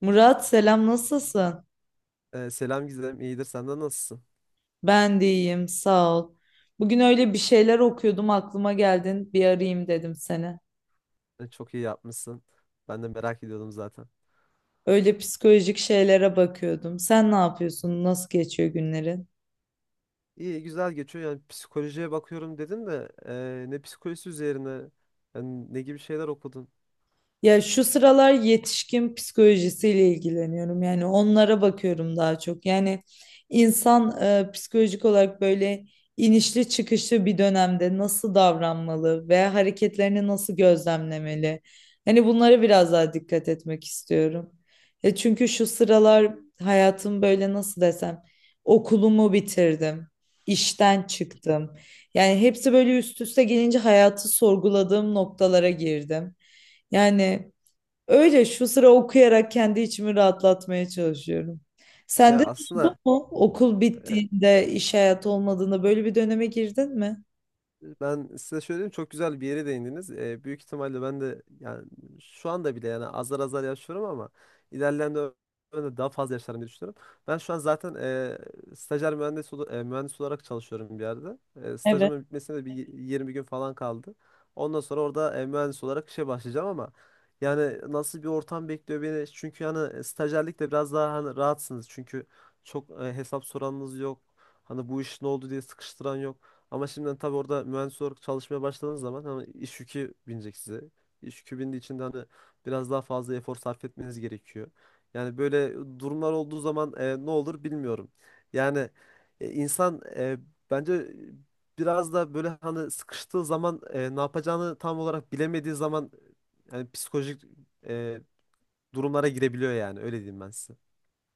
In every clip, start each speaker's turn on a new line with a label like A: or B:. A: Murat selam nasılsın?
B: Selam Gizem, iyidir. Senden nasılsın?
A: Ben de iyiyim sağ ol. Bugün öyle bir şeyler okuyordum aklıma geldin bir arayayım dedim seni.
B: Çok iyi yapmışsın. Ben de merak ediyordum zaten.
A: Öyle psikolojik şeylere bakıyordum. Sen ne yapıyorsun? Nasıl geçiyor günlerin?
B: İyi, güzel geçiyor. Yani psikolojiye bakıyorum dedin de ne psikolojisi üzerine, yani ne gibi şeyler okudun?
A: Ya şu sıralar yetişkin psikolojisiyle ilgileniyorum. Yani onlara bakıyorum daha çok. Yani insan psikolojik olarak böyle inişli çıkışlı bir dönemde nasıl davranmalı ve hareketlerini nasıl gözlemlemeli? Hani bunlara biraz daha dikkat etmek istiyorum. E çünkü şu sıralar hayatım böyle nasıl desem okulumu bitirdim, işten çıktım. Yani hepsi böyle üst üste gelince hayatı sorguladığım noktalara girdim. Yani öyle şu sıra okuyarak kendi içimi rahatlatmaya çalışıyorum. Sende
B: Ya
A: de oldu
B: aslında
A: mu? Okul
B: e,
A: bittiğinde, iş hayatı olmadığında böyle bir döneme girdin mi?
B: ben size şöyle diyeyim, çok güzel bir yere değindiniz. Büyük ihtimalle ben de yani şu anda bile yani azar azar yaşıyorum ama ilerleyen dönemde daha fazla yaşarım diye düşünüyorum. Ben şu an zaten stajyer mühendis, mühendis olarak çalışıyorum bir yerde. Stajımın bitmesine de 20 gün falan kaldı. Ondan sonra orada mühendis olarak işe başlayacağım ama yani nasıl bir ortam bekliyor beni? Çünkü yani stajyerlikte biraz daha hani rahatsınız. Çünkü çok hesap soranınız yok. Hani bu iş ne oldu diye sıkıştıran yok. Ama şimdiden tabii orada mühendis olarak çalışmaya başladığınız zaman hani iş yükü binecek size. İş yükü bindiği için de hani biraz daha fazla efor sarf etmeniz gerekiyor. Yani böyle durumlar olduğu zaman ne olur bilmiyorum. Yani insan bence biraz da böyle hani sıkıştığı zaman ne yapacağını tam olarak bilemediği zaman yani psikolojik e, durumlara girebiliyor, yani öyle diyeyim ben size.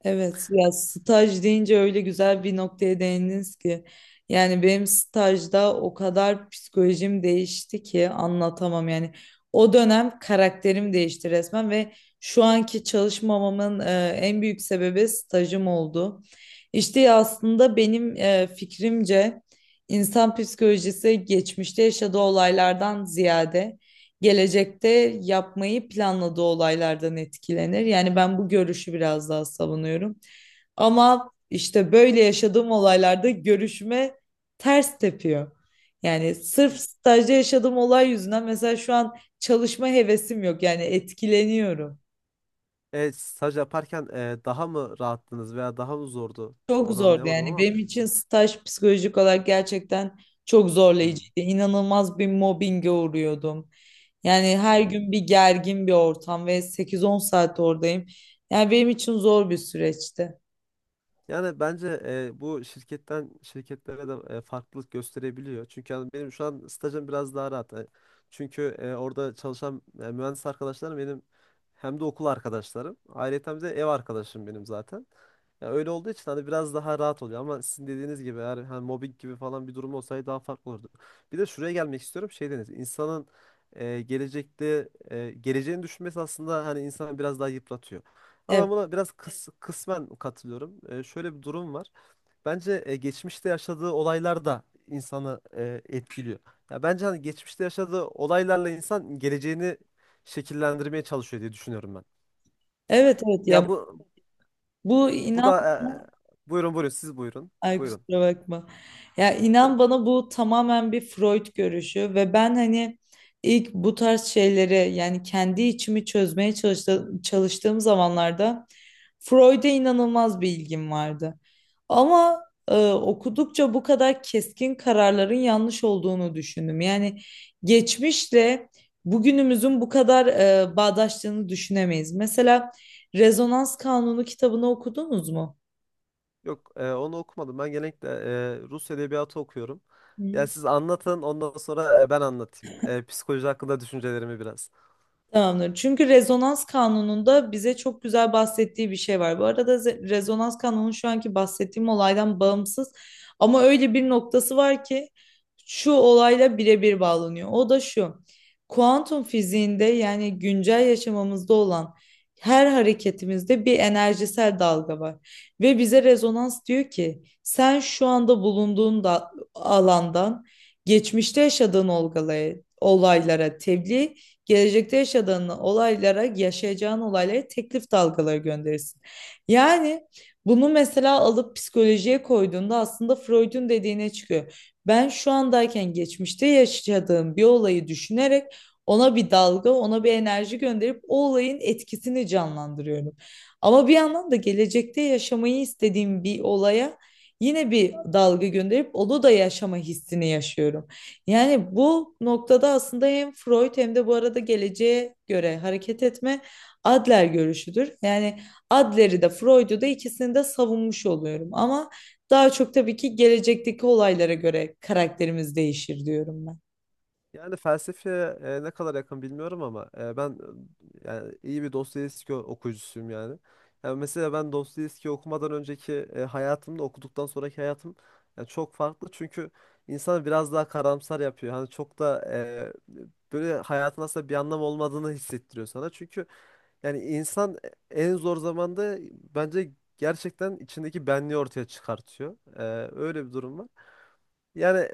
A: Evet, ya staj deyince öyle güzel bir noktaya değindiniz ki. Yani benim stajda o kadar psikolojim değişti ki anlatamam yani. O dönem karakterim değişti resmen ve şu anki çalışmamamın en büyük sebebi stajım oldu. İşte aslında benim fikrimce insan psikolojisi geçmişte yaşadığı olaylardan ziyade gelecekte yapmayı planladığı olaylardan etkilenir. Yani ben bu görüşü biraz daha savunuyorum. Ama işte böyle yaşadığım olaylarda görüşüme ters tepiyor. Yani sırf stajda yaşadığım olay yüzünden mesela şu an çalışma hevesim yok. Yani etkileniyorum.
B: Evet, staj yaparken daha mı rahattınız veya daha mı zordu?
A: Çok
B: Onu
A: zordu
B: anlayamadım
A: yani
B: ama.
A: benim için staj psikolojik olarak gerçekten çok
B: Hmm.
A: zorlayıcıydı. İnanılmaz bir mobbinge uğruyordum. Yani her
B: Hmm.
A: gün bir gergin bir ortam ve sekiz on saat oradayım. Yani benim için zor bir süreçti.
B: Yani bence bu şirketten şirketlere de farklılık gösterebiliyor. Çünkü yani benim şu an stajım biraz daha rahat. Çünkü orada çalışan mühendis arkadaşlarım benim hem de okul arkadaşlarım. Ayrıca de ev arkadaşım benim zaten. Ya öyle olduğu için hani biraz daha rahat oluyor ama sizin dediğiniz gibi eğer hani mobbing gibi falan bir durum olsaydı daha farklı olurdu. Bir de şuraya gelmek istiyorum. Şey dediniz. İnsanın gelecekte geleceğini düşünmesi aslında hani insanı biraz daha yıpratıyor. Ama
A: Evet,
B: ben buna biraz kısmen katılıyorum. Şöyle bir durum var. Bence geçmişte yaşadığı olaylar da insanı etkiliyor. Ya bence hani geçmişte yaşadığı olaylarla insan geleceğini şekillendirmeye çalışıyor diye düşünüyorum ben.
A: evet, evet
B: Ya
A: ya
B: bu
A: bu
B: bu
A: inan.
B: da buyurun buyurun, siz buyurun.
A: Ay
B: Buyurun.
A: kusura bakma. Ya inan bana bu tamamen bir Freud görüşü ve ben hani ilk bu tarz şeyleri yani kendi içimi çözmeye çalıştığım zamanlarda Freud'e inanılmaz bir ilgim vardı. Ama okudukça bu kadar keskin kararların yanlış olduğunu düşündüm. Yani geçmişle bugünümüzün bu kadar bağdaştığını düşünemeyiz. Mesela Rezonans Kanunu kitabını okudunuz mu?
B: Yok, onu okumadım. Ben genellikle Rus edebiyatı okuyorum.
A: Hı.
B: Ya siz anlatın, ondan sonra ben anlatayım. Psikoloji hakkında düşüncelerimi biraz.
A: Tamamdır. Çünkü rezonans kanununda bize çok güzel bahsettiği bir şey var. Bu arada rezonans kanunu şu anki bahsettiğim olaydan bağımsız ama öyle bir noktası var ki şu olayla birebir bağlanıyor. O da şu. Kuantum fiziğinde yani güncel yaşamımızda olan her hareketimizde bir enerjisel dalga var. Ve bize rezonans diyor ki sen şu anda bulunduğun da alandan geçmişte yaşadığın olgaya, olaylara tebliğ gelecekte yaşadığın olaylara, yaşayacağın olaylara teklif dalgaları gönderirsin. Yani bunu mesela alıp psikolojiye koyduğunda aslında Freud'un dediğine çıkıyor. Ben şu andayken geçmişte yaşadığım bir olayı düşünerek ona bir dalga, ona bir enerji gönderip o olayın etkisini canlandırıyorum. Ama bir yandan da gelecekte yaşamayı istediğim bir olaya yine bir dalga gönderip onu da yaşama hissini yaşıyorum. Yani bu noktada aslında hem Freud hem de bu arada geleceğe göre hareket etme Adler görüşüdür. Yani Adler'i de Freud'u da ikisini de savunmuş oluyorum. Ama daha çok tabii ki gelecekteki olaylara göre karakterimiz değişir diyorum ben.
B: Yani felsefeye ne kadar yakın bilmiyorum ama ben yani iyi bir Dostoyevski okuyucusuyum yani. Yani mesela ben Dostoyevski okumadan önceki hayatımda okuduktan sonraki hayatım yani çok farklı, çünkü insanı biraz daha karamsar yapıyor. Hani çok da böyle hayatın aslında bir anlam olmadığını hissettiriyor sana. Çünkü yani insan en zor zamanda bence gerçekten içindeki benliği ortaya çıkartıyor. Öyle bir durum var. Yani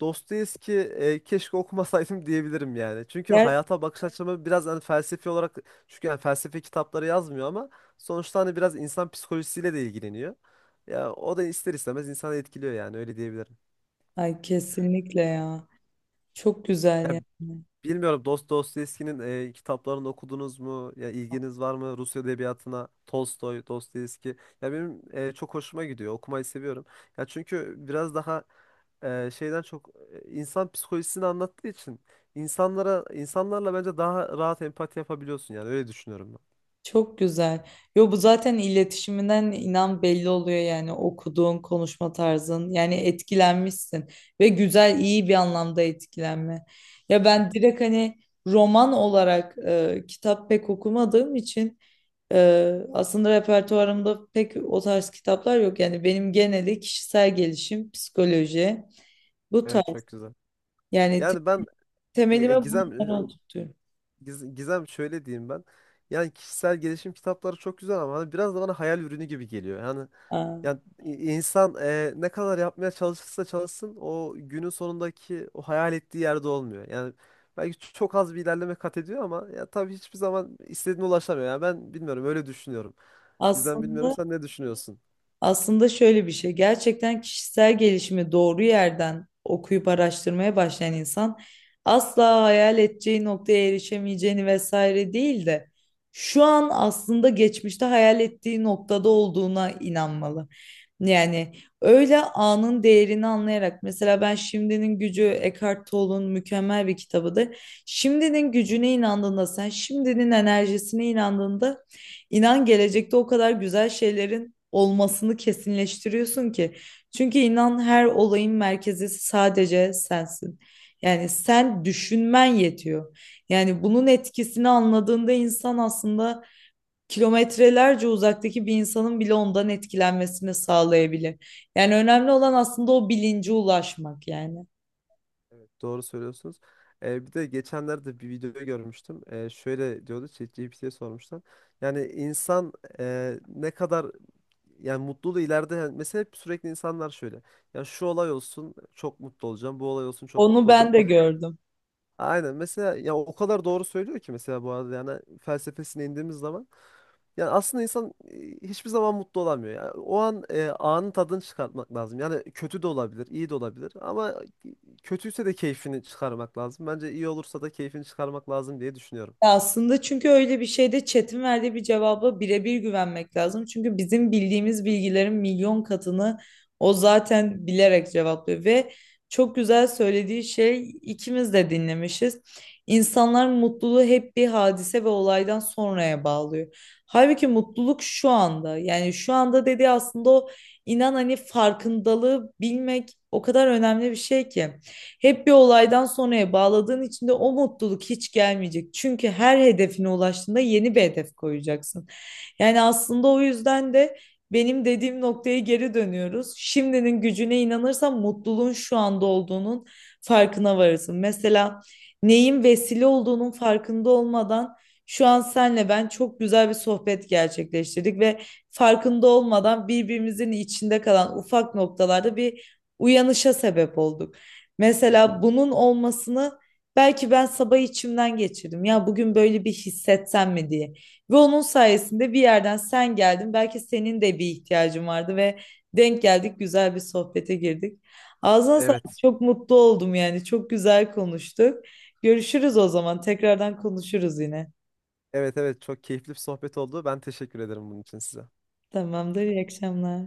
B: Dostoyevski keşke okumasaydım diyebilirim yani. Çünkü
A: Yer,
B: hayata bakış açımı biraz hani felsefi olarak, çünkü yani felsefe kitapları yazmıyor ama sonuçta hani biraz insan psikolojisiyle de ilgileniyor. Ya o da ister istemez insanı etkiliyor, yani öyle diyebilirim.
A: ay kesinlikle ya. Çok güzel yani.
B: Bilmiyorum, Dostoyevski'nin kitaplarını okudunuz mu? Ya ilginiz var mı Rus edebiyatına? Tolstoy, Dostoyevski. Ya benim çok hoşuma gidiyor. Okumayı seviyorum. Ya çünkü biraz daha şeyden çok insan psikolojisini anlattığı için insanlara, insanlarla bence daha rahat empati yapabiliyorsun, yani öyle düşünüyorum ben.
A: Çok güzel. Yo bu zaten iletişiminden inan belli oluyor yani okuduğun konuşma tarzın yani etkilenmişsin ve güzel iyi bir anlamda etkilenme. Ya ben direkt hani roman olarak kitap pek okumadığım için e, aslında repertuarımda pek o tarz kitaplar yok. Yani benim geneli kişisel gelişim, psikoloji bu
B: Evet,
A: tarz
B: çok güzel.
A: yani
B: Yani ben E, e,
A: temelime
B: Gizem e,
A: bunları oturtuyorum.
B: Giz- Gizem, şöyle diyeyim ben. Yani kişisel gelişim kitapları çok güzel ama hani biraz da bana hayal ürünü gibi geliyor.
A: Aa,
B: Yani insan ne kadar yapmaya çalışırsa çalışsın o günün sonundaki o hayal ettiği yerde olmuyor. Yani belki çok az bir ilerleme kat ediyor ama ya tabii hiçbir zaman istediğine ulaşamıyor. Yani ben bilmiyorum, öyle düşünüyorum. Gizem, bilmiyorum,
A: Aslında
B: sen ne düşünüyorsun?
A: Aslında şöyle bir şey, gerçekten kişisel gelişimi doğru yerden okuyup araştırmaya başlayan insan asla hayal edeceği noktaya erişemeyeceğini vesaire değil de şu an aslında geçmişte hayal ettiği noktada olduğuna inanmalı. Yani öyle anın değerini anlayarak mesela ben Şimdinin Gücü Eckhart Tolle'un mükemmel bir kitabıdır. Şimdinin gücüne inandığında sen şimdinin enerjisine inandığında İnan gelecekte o kadar güzel şeylerin olmasını kesinleştiriyorsun ki. Çünkü inan her olayın merkezi sadece sensin. Yani sen düşünmen yetiyor. Yani bunun etkisini anladığında insan aslında kilometrelerce uzaktaki bir insanın bile ondan etkilenmesini sağlayabilir. Yani önemli olan aslında o bilince ulaşmak yani.
B: Doğru söylüyorsunuz. Bir de geçenlerde bir videoyu görmüştüm. Şöyle diyordu, ChatGPT'ye sormuşlar. Yani insan ne kadar yani mutluluğu ileride, yani mesela hep sürekli insanlar şöyle. Ya şu olay olsun çok mutlu olacağım. Bu olay olsun çok
A: Onu
B: mutlu olacağım.
A: ben de gördüm.
B: Aynen, mesela ya o kadar doğru söylüyor ki, mesela bu arada yani felsefesine indiğimiz zaman yani aslında insan hiçbir zaman mutlu olamıyor. Yani o an anın tadını çıkartmak lazım. Yani kötü de olabilir, iyi de olabilir ama kötüyse de keyfini çıkarmak lazım. Bence iyi olursa da keyfini çıkarmak lazım diye düşünüyorum.
A: Ya aslında çünkü öyle bir şeyde chat'in verdiği bir cevaba birebir güvenmek lazım. Çünkü bizim bildiğimiz bilgilerin milyon katını o zaten bilerek cevaplıyor ve çok güzel söylediği şey ikimiz de dinlemişiz. İnsanlar mutluluğu hep bir hadise ve olaydan sonraya bağlıyor. Halbuki mutluluk şu anda. Yani şu anda dediği aslında o inan hani farkındalığı bilmek o kadar önemli bir şey ki. Hep bir olaydan sonraya bağladığın için de o mutluluk hiç gelmeyecek. Çünkü her hedefine ulaştığında yeni bir hedef koyacaksın. Yani aslında o yüzden de benim dediğim noktaya geri dönüyoruz. Şimdinin gücüne inanırsan mutluluğun şu anda olduğunun farkına varırsın. Mesela neyin vesile olduğunun farkında olmadan şu an senle ben çok güzel bir sohbet gerçekleştirdik ve farkında olmadan birbirimizin içinde kalan ufak noktalarda bir uyanışa sebep olduk. Mesela bunun olmasını belki ben sabah içimden geçirdim. Ya bugün böyle bir hissetsem mi diye. Ve onun sayesinde bir yerden sen geldin. Belki senin de bir ihtiyacın vardı ve denk geldik, güzel bir sohbete girdik. Ağzına sağlık.
B: Evet.
A: Çok mutlu oldum yani. Çok güzel konuştuk. Görüşürüz o zaman. Tekrardan konuşuruz yine.
B: Evet, evet, çok keyifli bir sohbet oldu. Ben teşekkür ederim bunun için size.
A: Tamamdır. İyi akşamlar.